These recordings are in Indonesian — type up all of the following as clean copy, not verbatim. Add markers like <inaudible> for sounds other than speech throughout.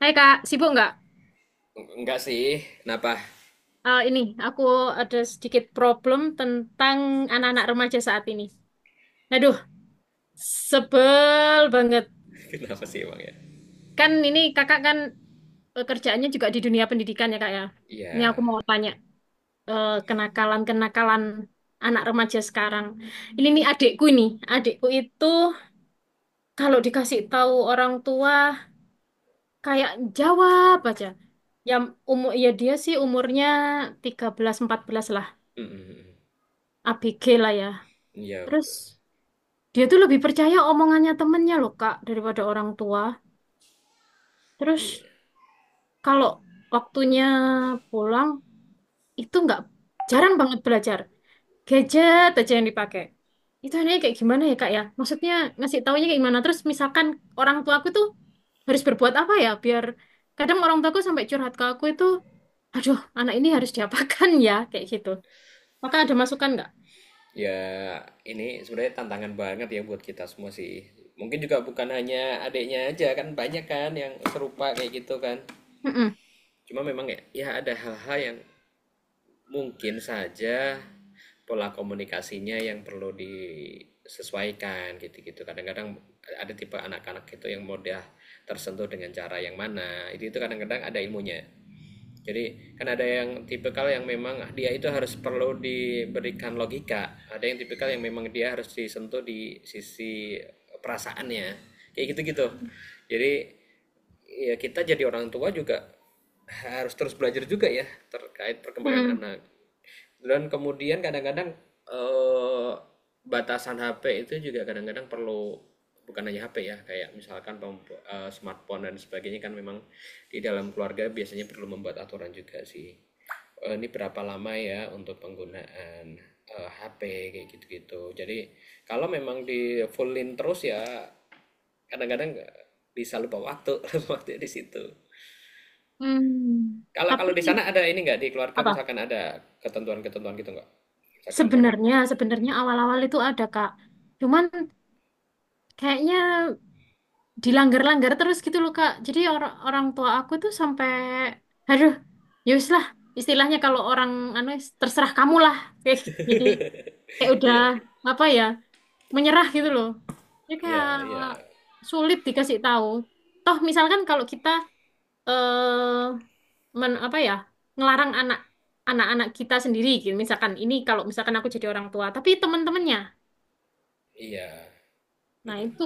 Hai Kak, sibuk nggak? Enggak sih. Kenapa? Eh, ini, aku ada sedikit problem tentang anak-anak remaja saat ini. Aduh, sebel banget. <laughs> Kenapa sih emang ya? Kan ini kakak kan kerjaannya juga di dunia pendidikan ya kak ya. Ini Iya. aku mau tanya, kenakalan-kenakalan anak remaja sekarang. Ini nih adikku ini, adikku itu kalau dikasih tahu orang tua kayak jawab aja. Yang umur ya dia sih umurnya 13-14 lah, Mm-mm. ABG lah ya. Iya, Terus betul. dia tuh lebih percaya omongannya temennya loh, Kak, daripada orang tua. Iya. Terus kalau waktunya pulang, itu nggak jarang banget belajar. Gadget aja yang dipakai. Itu anehnya kayak gimana ya, Kak ya? Maksudnya ngasih taunya kayak gimana? Terus misalkan orang tua aku tuh harus berbuat apa ya biar kadang orang tuaku sampai curhat ke aku itu, aduh, anak ini harus diapakan ya kayak gitu. Maka ada masukan nggak? Ya, ini sebenarnya tantangan banget ya buat kita semua sih. Mungkin juga bukan hanya adiknya aja kan banyak kan yang serupa kayak gitu kan. Mm-mm. Cuma memang ya ada hal-hal yang mungkin saja pola komunikasinya yang perlu disesuaikan gitu-gitu. Kadang-kadang ada tipe anak-anak itu yang mudah tersentuh dengan cara yang mana. Itu kadang-kadang ada ilmunya. Jadi kan ada yang tipikal yang memang dia itu harus perlu diberikan logika. Ada yang tipikal yang memang dia harus disentuh di sisi perasaannya. Kayak gitu-gitu. Jadi ya kita jadi orang tua juga harus terus belajar juga ya terkait perkembangan Mm-mm. anak. Dan kemudian kadang-kadang eh, batasan HP itu juga kadang-kadang perlu, bukan hanya HP ya, kayak misalkan smartphone dan sebagainya kan memang di dalam keluarga biasanya perlu membuat aturan juga sih. Ini berapa lama ya untuk penggunaan, HP kayak gitu-gitu. Jadi kalau memang di fullin terus ya kadang-kadang bisa lupa waktu, <laughs> lupa waktu di situ. Hmm. Kalau Tapi kalau di sana ada ini nggak, di keluarga apa? misalkan ada ketentuan-ketentuan gitu nggak? Misalkan pengguna. Sebenarnya, sebenarnya awal-awal itu ada, Kak. Cuman kayaknya dilanggar-langgar terus gitu loh, Kak. Jadi orang orang tua aku tuh sampai aduh, ya wis lah. Istilahnya kalau orang anu terserah kamu lah. <laughs> Kayak gitu. Jadi kayak <laughs> udah Iya, apa ya, menyerah gitu loh. Jadi iya kayak iya, sulit dikasih tahu. Toh misalkan kalau kita eh men, apa ya, ngelarang anak anak-anak kita sendiri gitu. Misalkan ini kalau misalkan aku jadi orang tua, tapi teman-temannya. iya. Nah, itu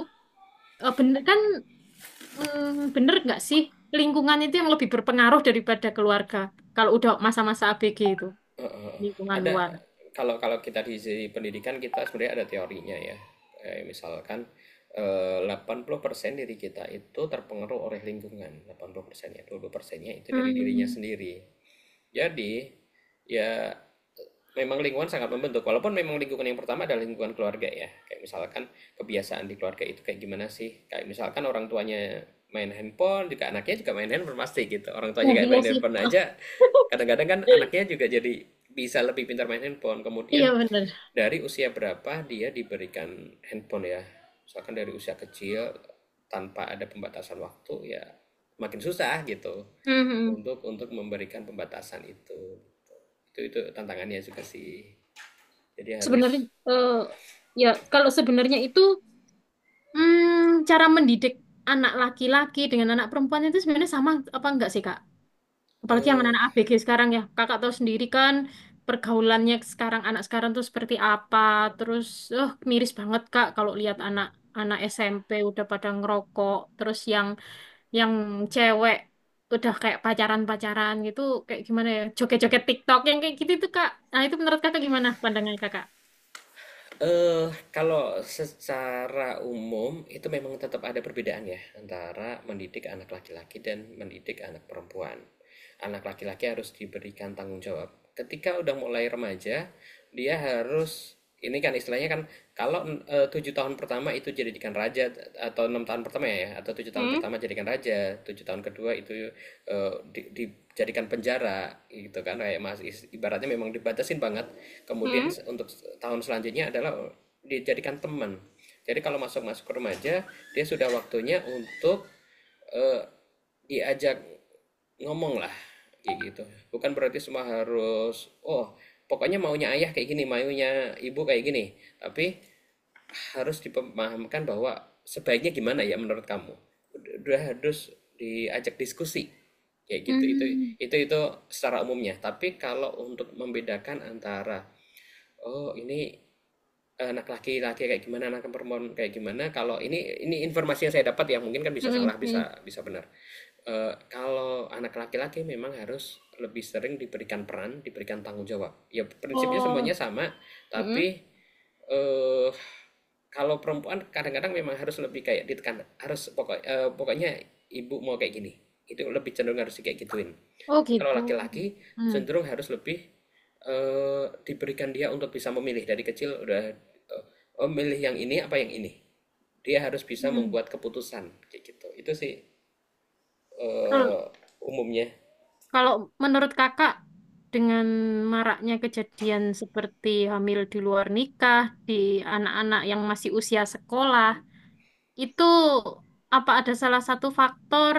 bener kan bener nggak sih lingkungan itu yang lebih berpengaruh daripada keluarga kalau udah masa-masa ABG itu Heeh. lingkungan Ada, luar. kalau kalau kita di sisi pendidikan kita sebenarnya ada teorinya ya. Kayak misalkan 80% diri kita itu terpengaruh oleh lingkungan. 80%-nya, 20%-nya itu dari dirinya Hmm. sendiri. Jadi ya memang lingkungan sangat membentuk, walaupun memang lingkungan yang pertama adalah lingkungan keluarga ya, kayak misalkan kebiasaan di keluarga itu kayak gimana sih, kayak misalkan orang tuanya main handphone juga, anaknya juga main handphone. Pasti gitu, orang tuanya Nah, kayak iya main sih. handphone aja, <laughs> kadang-kadang kan anaknya juga jadi bisa lebih pintar main handphone. Iya Kemudian bener. dari usia berapa dia diberikan handphone ya, misalkan dari usia kecil tanpa ada pembatasan waktu ya, makin susah gitu Mhm. untuk memberikan pembatasan itu gitu. Itu tantangannya juga sih, jadi Sebenarnya harus eh, ya kalau sebenarnya itu cara mendidik anak laki-laki dengan anak perempuan itu sebenarnya sama apa enggak sih Kak? Apalagi yang eh anak-anak ABG sekarang ya. Kakak tahu sendiri kan pergaulannya sekarang anak sekarang tuh seperti apa. Terus miris banget Kak kalau lihat anak-anak SMP udah pada ngerokok, terus yang cewek udah kayak pacaran-pacaran gitu kayak gimana ya? Joget-joget TikTok yang kayak gitu tuh Kak. Nah, itu menurut Kakak, gimana pandangan Kakak? eh, kalau secara umum itu memang tetap ada perbedaan ya antara mendidik anak laki-laki dan mendidik anak perempuan. Anak laki-laki harus diberikan tanggung jawab. Ketika udah mulai remaja, dia harus ini kan, istilahnya kan, kalau 7 tahun pertama itu jadikan raja, atau 6 tahun pertama ya, atau tujuh tahun Hmm, pertama jadikan raja, 7 tahun kedua itu dijadikan penjara gitu kan, kayak mas, ibaratnya memang dibatasin banget. Kemudian hmm, untuk tahun selanjutnya adalah dijadikan teman. Jadi kalau masuk masuk remaja, dia sudah waktunya untuk eh, diajak ngomong lah kayak gitu. Bukan berarti semua harus oh, pokoknya maunya ayah kayak gini, maunya ibu kayak gini, tapi harus dipahamkan bahwa sebaiknya gimana ya menurut kamu, udah harus diajak diskusi kayak gitu. itu Hmm. itu itu secara umumnya. Tapi kalau untuk membedakan antara, oh, ini anak laki-laki kayak gimana, anak perempuan kayak gimana. Kalau ini informasi yang saya dapat ya, mungkin kan bisa hmm, salah, hmm, hmm. bisa bisa benar. Kalau anak laki-laki memang harus lebih sering diberikan peran, diberikan tanggung jawab. Ya prinsipnya Oh, semuanya sama, hmm. tapi eh kalau perempuan kadang-kadang memang harus lebih kayak ditekan, harus pokoknya ibu mau kayak gini. Itu lebih cenderung harus kayak gituin. Oh Tapi kalau gitu. laki-laki Hmm. cenderung harus lebih diberikan dia untuk bisa memilih. Dari kecil udah eh, oh, milih yang ini apa yang ini, dia harus bisa Hmm. membuat keputusan kayak gitu itu sih eh, umumnya. Kalau menurut kakak, dengan maraknya kejadian seperti hamil di luar nikah, di anak-anak yang masih usia sekolah, itu apa ada salah satu faktor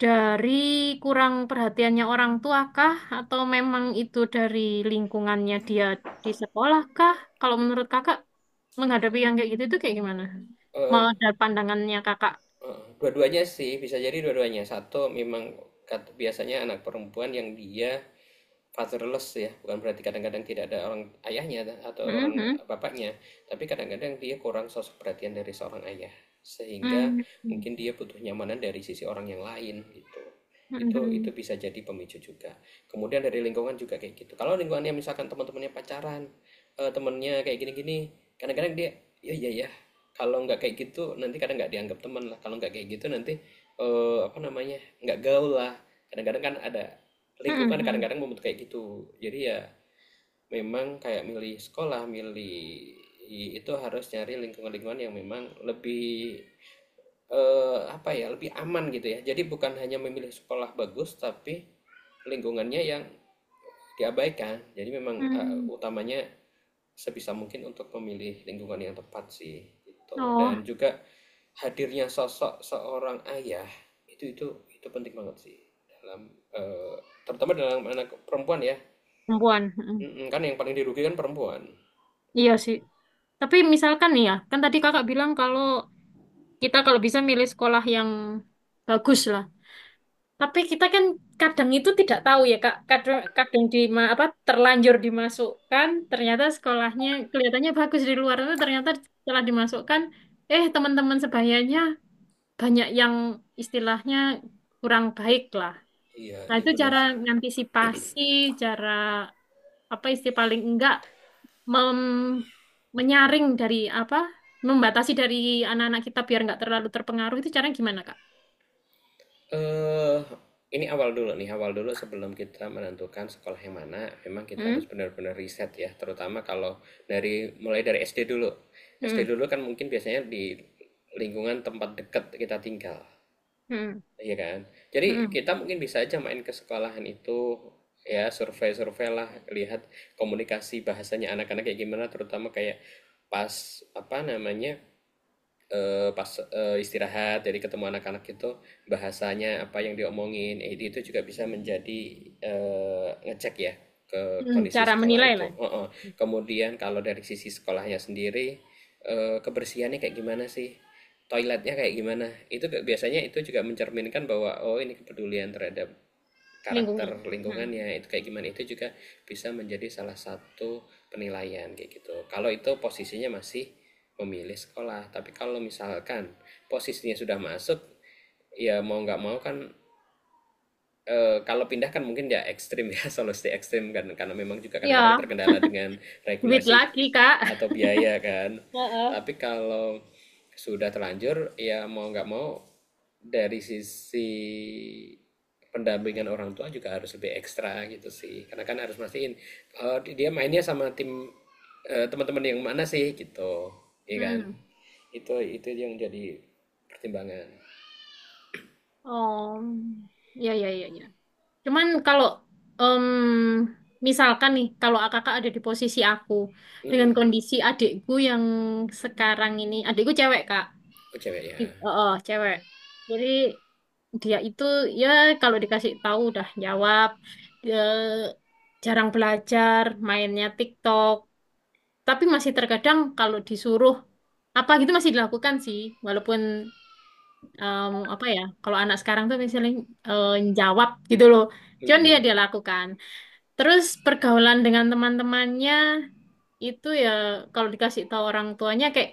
dari kurang perhatiannya orang tua kah? Atau memang itu dari lingkungannya dia di sekolah kah? Kalau menurut kakak, menghadapi yang kayak gitu itu kayak gimana? Eh, Mau ada pandangannya kakak? Dua-duanya sih, bisa jadi dua-duanya. Satu memang biasanya anak perempuan yang dia fatherless ya, bukan berarti kadang-kadang tidak ada orang ayahnya atau orang Mhm. bapaknya, tapi kadang-kadang dia kurang sosok perhatian dari seorang ayah, sehingga Mhm. mungkin dia butuh nyamanan dari sisi orang yang lain gitu. Itu Mhm. bisa jadi pemicu juga. Kemudian dari lingkungan juga kayak gitu. Kalau lingkungannya misalkan teman-temannya pacaran, temennya kayak gini-gini, kadang-kadang dia ya ya ya. Kalau nggak kayak gitu nanti kadang nggak dianggap teman lah. Kalau nggak kayak gitu nanti apa namanya, nggak gaul lah. Kadang-kadang kan ada Mhm. lingkungan Mhm. kadang-kadang membentuk kayak gitu. Jadi ya memang kayak milih sekolah, milih itu harus nyari lingkungan-lingkungan yang memang lebih apa ya, lebih aman gitu ya. Jadi bukan hanya memilih sekolah bagus, tapi lingkungannya yang diabaikan. Jadi memang Mhm. utamanya sebisa mungkin untuk memilih lingkungan yang tepat sih gitu. Oh. Dan juga hadirnya sosok seorang ayah itu itu itu penting banget sih dalam eh, terutama dalam anak perempuan ya. Perempuan. Mm. Mhm, kan yang paling dirugikan perempuan. Iya sih. Tapi misalkan nih ya, kan tadi kakak bilang kalau kita kalau bisa milih sekolah yang bagus lah. Tapi kita kan kadang itu tidak tahu ya kak. Kadang, kadang di apa terlanjur dimasukkan, ternyata sekolahnya kelihatannya bagus di luar, tapi ternyata setelah dimasukkan, eh teman-teman sebayanya banyak yang istilahnya kurang baik lah. Iya, Nah iya itu benar cara sih. ngantisipasi, cara apa istilah paling enggak mem- menyaring dari apa membatasi dari anak-anak kita biar nggak terlalu terpengaruh itu caranya gimana Kak? Eh, ini awal dulu nih, awal dulu sebelum kita menentukan sekolah yang mana, memang kita harus Hmm? benar-benar riset ya, terutama kalau dari, mulai dari SD dulu. SD Hmm. dulu kan mungkin biasanya di lingkungan tempat dekat kita tinggal, Hmm. iya kan? Jadi Hmm. kita mungkin bisa aja main ke sekolahan itu, ya survei-survei lah, lihat komunikasi bahasanya anak-anak kayak gimana, terutama kayak pas apa namanya, pas, istirahat, jadi ketemu anak-anak itu bahasanya apa yang diomongin, itu juga bisa menjadi, ngecek ya ke Hmm. kondisi Cara sekolah menilai itu, lah heeh. Kemudian kalau dari sisi sekolahnya sendiri, kebersihannya kayak gimana sih, toiletnya kayak gimana, itu biasanya itu juga mencerminkan bahwa, oh, ini kepedulian terhadap lingkungan. karakter Hmm. lingkungannya itu kayak gimana, itu juga bisa menjadi salah satu penilaian kayak gitu. Kalau itu posisinya masih memilih sekolah, tapi kalau misalkan posisinya sudah masuk, ya mau nggak mau kan. Kalau pindah kan mungkin ya ekstrim ya, <laughs> solo stay ekstrim kan, karena memang juga kadang-kadang Ya, terkendala dengan duit regulasi lagi Kak. atau biaya kan. <laughs> Heeh. Tapi kalau sudah terlanjur ya mau nggak mau dari sisi pendampingan orang tua juga harus lebih ekstra gitu sih, karena kan harus mastiin dia mainnya sama tim teman-teman yang mana sih gitu, iya kan. Hmm. Itu yang jadi pertimbangan. Oh, ya ya ya ya. Cuman kalau em, misalkan nih, kalau kakak ada di posisi aku dengan Mm-mm. kondisi adikku yang sekarang ini, adikku cewek Kak. Oh, cewek ya. Oh cewek. Jadi dia itu ya kalau dikasih tahu udah jawab. Dia jarang belajar mainnya TikTok tapi masih terkadang kalau disuruh apa gitu masih dilakukan sih walaupun apa ya kalau anak sekarang tuh misalnya eh, jawab gitu loh cuman dia Mm-mm. dia lakukan terus pergaulan dengan teman-temannya itu ya kalau dikasih tahu orang tuanya kayak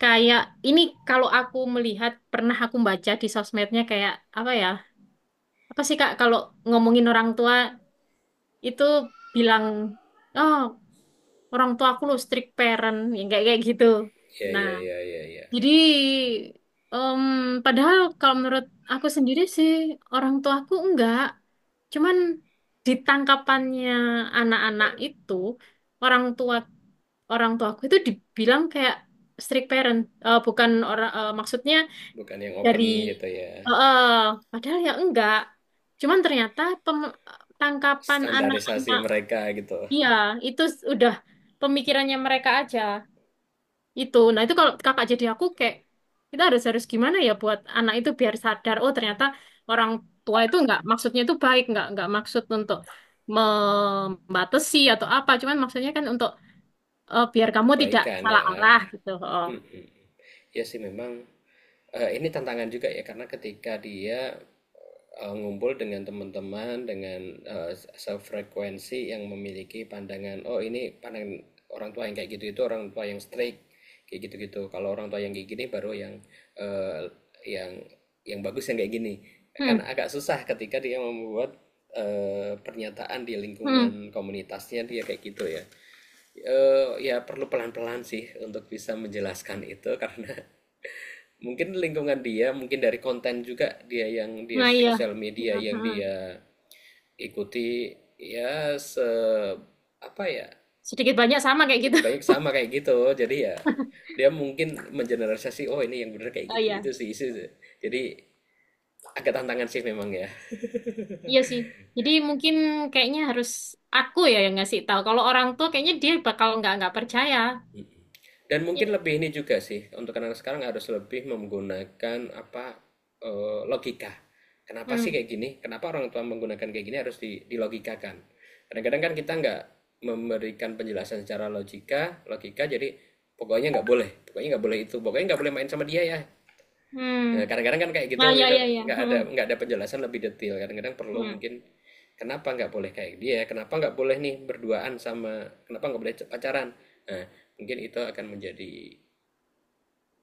kayak ini kalau aku melihat pernah aku baca di sosmednya kayak apa ya apa sih Kak kalau ngomongin orang tua itu bilang oh orang tua aku lo strict parent yang kayak kayak gitu. Iya, Nah, iya, iya, iya, iya. jadi em, padahal kalau menurut aku sendiri sih orang tuaku enggak, cuman di tangkapannya anak-anak itu orang tua orang tuaku itu dibilang kayak strict parent. Bukan orang maksudnya Bukan yang dari open gitu ya. eh, padahal ya enggak cuman ternyata tangkapan Standarisasi anak-anak mereka gitu. iya itu udah pemikirannya mereka aja itu nah itu kalau kakak jadi aku kayak kita harus harus gimana ya buat anak itu biar sadar oh ternyata orang tua itu enggak maksudnya itu baik enggak maksud untuk membatasi atau apa cuman maksudnya kan untuk biar kamu tidak Kebaikan salah ya. arah gitu. Oh Mhm. Ya sih memang ini tantangan juga ya, karena ketika dia ngumpul dengan teman-teman dengan sefrekuensi yang memiliki pandangan oh, ini pandangan orang tua yang kayak gitu, itu orang tua yang strict kayak gitu-gitu. Kalau orang tua yang kayak gini baru yang eh, yang yang bagus, yang kayak gini. Kan hmm, agak susah ketika dia membuat pernyataan di hmm. lingkungan komunitasnya dia kayak gitu ya. Ya perlu pelan-pelan sih untuk bisa menjelaskan itu, karena <laughs> mungkin lingkungan dia, mungkin dari konten juga dia, yang dia Nah iya. sosial Hmm, media yang hmm. dia ikuti ya, apa ya, Sedikit banyak sama kayak gitu. sedikit banyak sama kayak gitu. Jadi ya dia mungkin mengeneralisasi, "Oh, ini yang bener kayak <laughs> Oh gitu." iya. Itu sih, itu sih. Jadi agak tantangan sih memang ya. Iya sih. Jadi mungkin kayaknya harus aku ya yang ngasih tahu. Kalau orang tua kayaknya dia bakal nggak percaya. Dan mungkin Iya. lebih ini juga sih, untuk anak-anak sekarang harus lebih menggunakan apa, logika. Kenapa sih Hmm. kayak gini? Kenapa orang tua menggunakan kayak gini, harus dilogikakan. Kadang-kadang kan kita nggak memberikan penjelasan secara logika, logika jadi pokoknya nggak boleh itu, pokoknya nggak boleh main sama dia ya. Hmm. Nah, kadang-kadang kan kayak gitu Ah ya gitu, ya ya. nggak ada Hmm. nggak ada penjelasan lebih detail. Kadang-kadang perlu Hmm. mungkin, kenapa nggak boleh kayak dia, kenapa nggak boleh nih berduaan sama, kenapa nggak boleh pacaran. Nah, mungkin itu akan menjadi,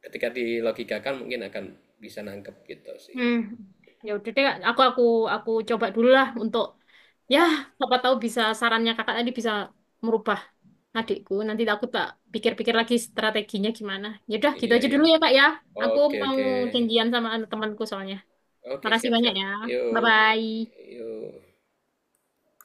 ketika dilogikakan mungkin akan bisa nangkep gitu sih. Hmm. Ya udah deh, Kak. Aku aku coba dulu lah untuk ya siapa tahu bisa sarannya kakak tadi bisa merubah adikku. Nanti aku tak pikir-pikir lagi strateginya gimana. Ya udah gitu Iya aja ya. dulu ya Kak ya. Aku Oke mau oke. janjian sama anu temanku soalnya. Oke, Makasih siap banyak siap. ya. Bye Yuk. bye. Yuk.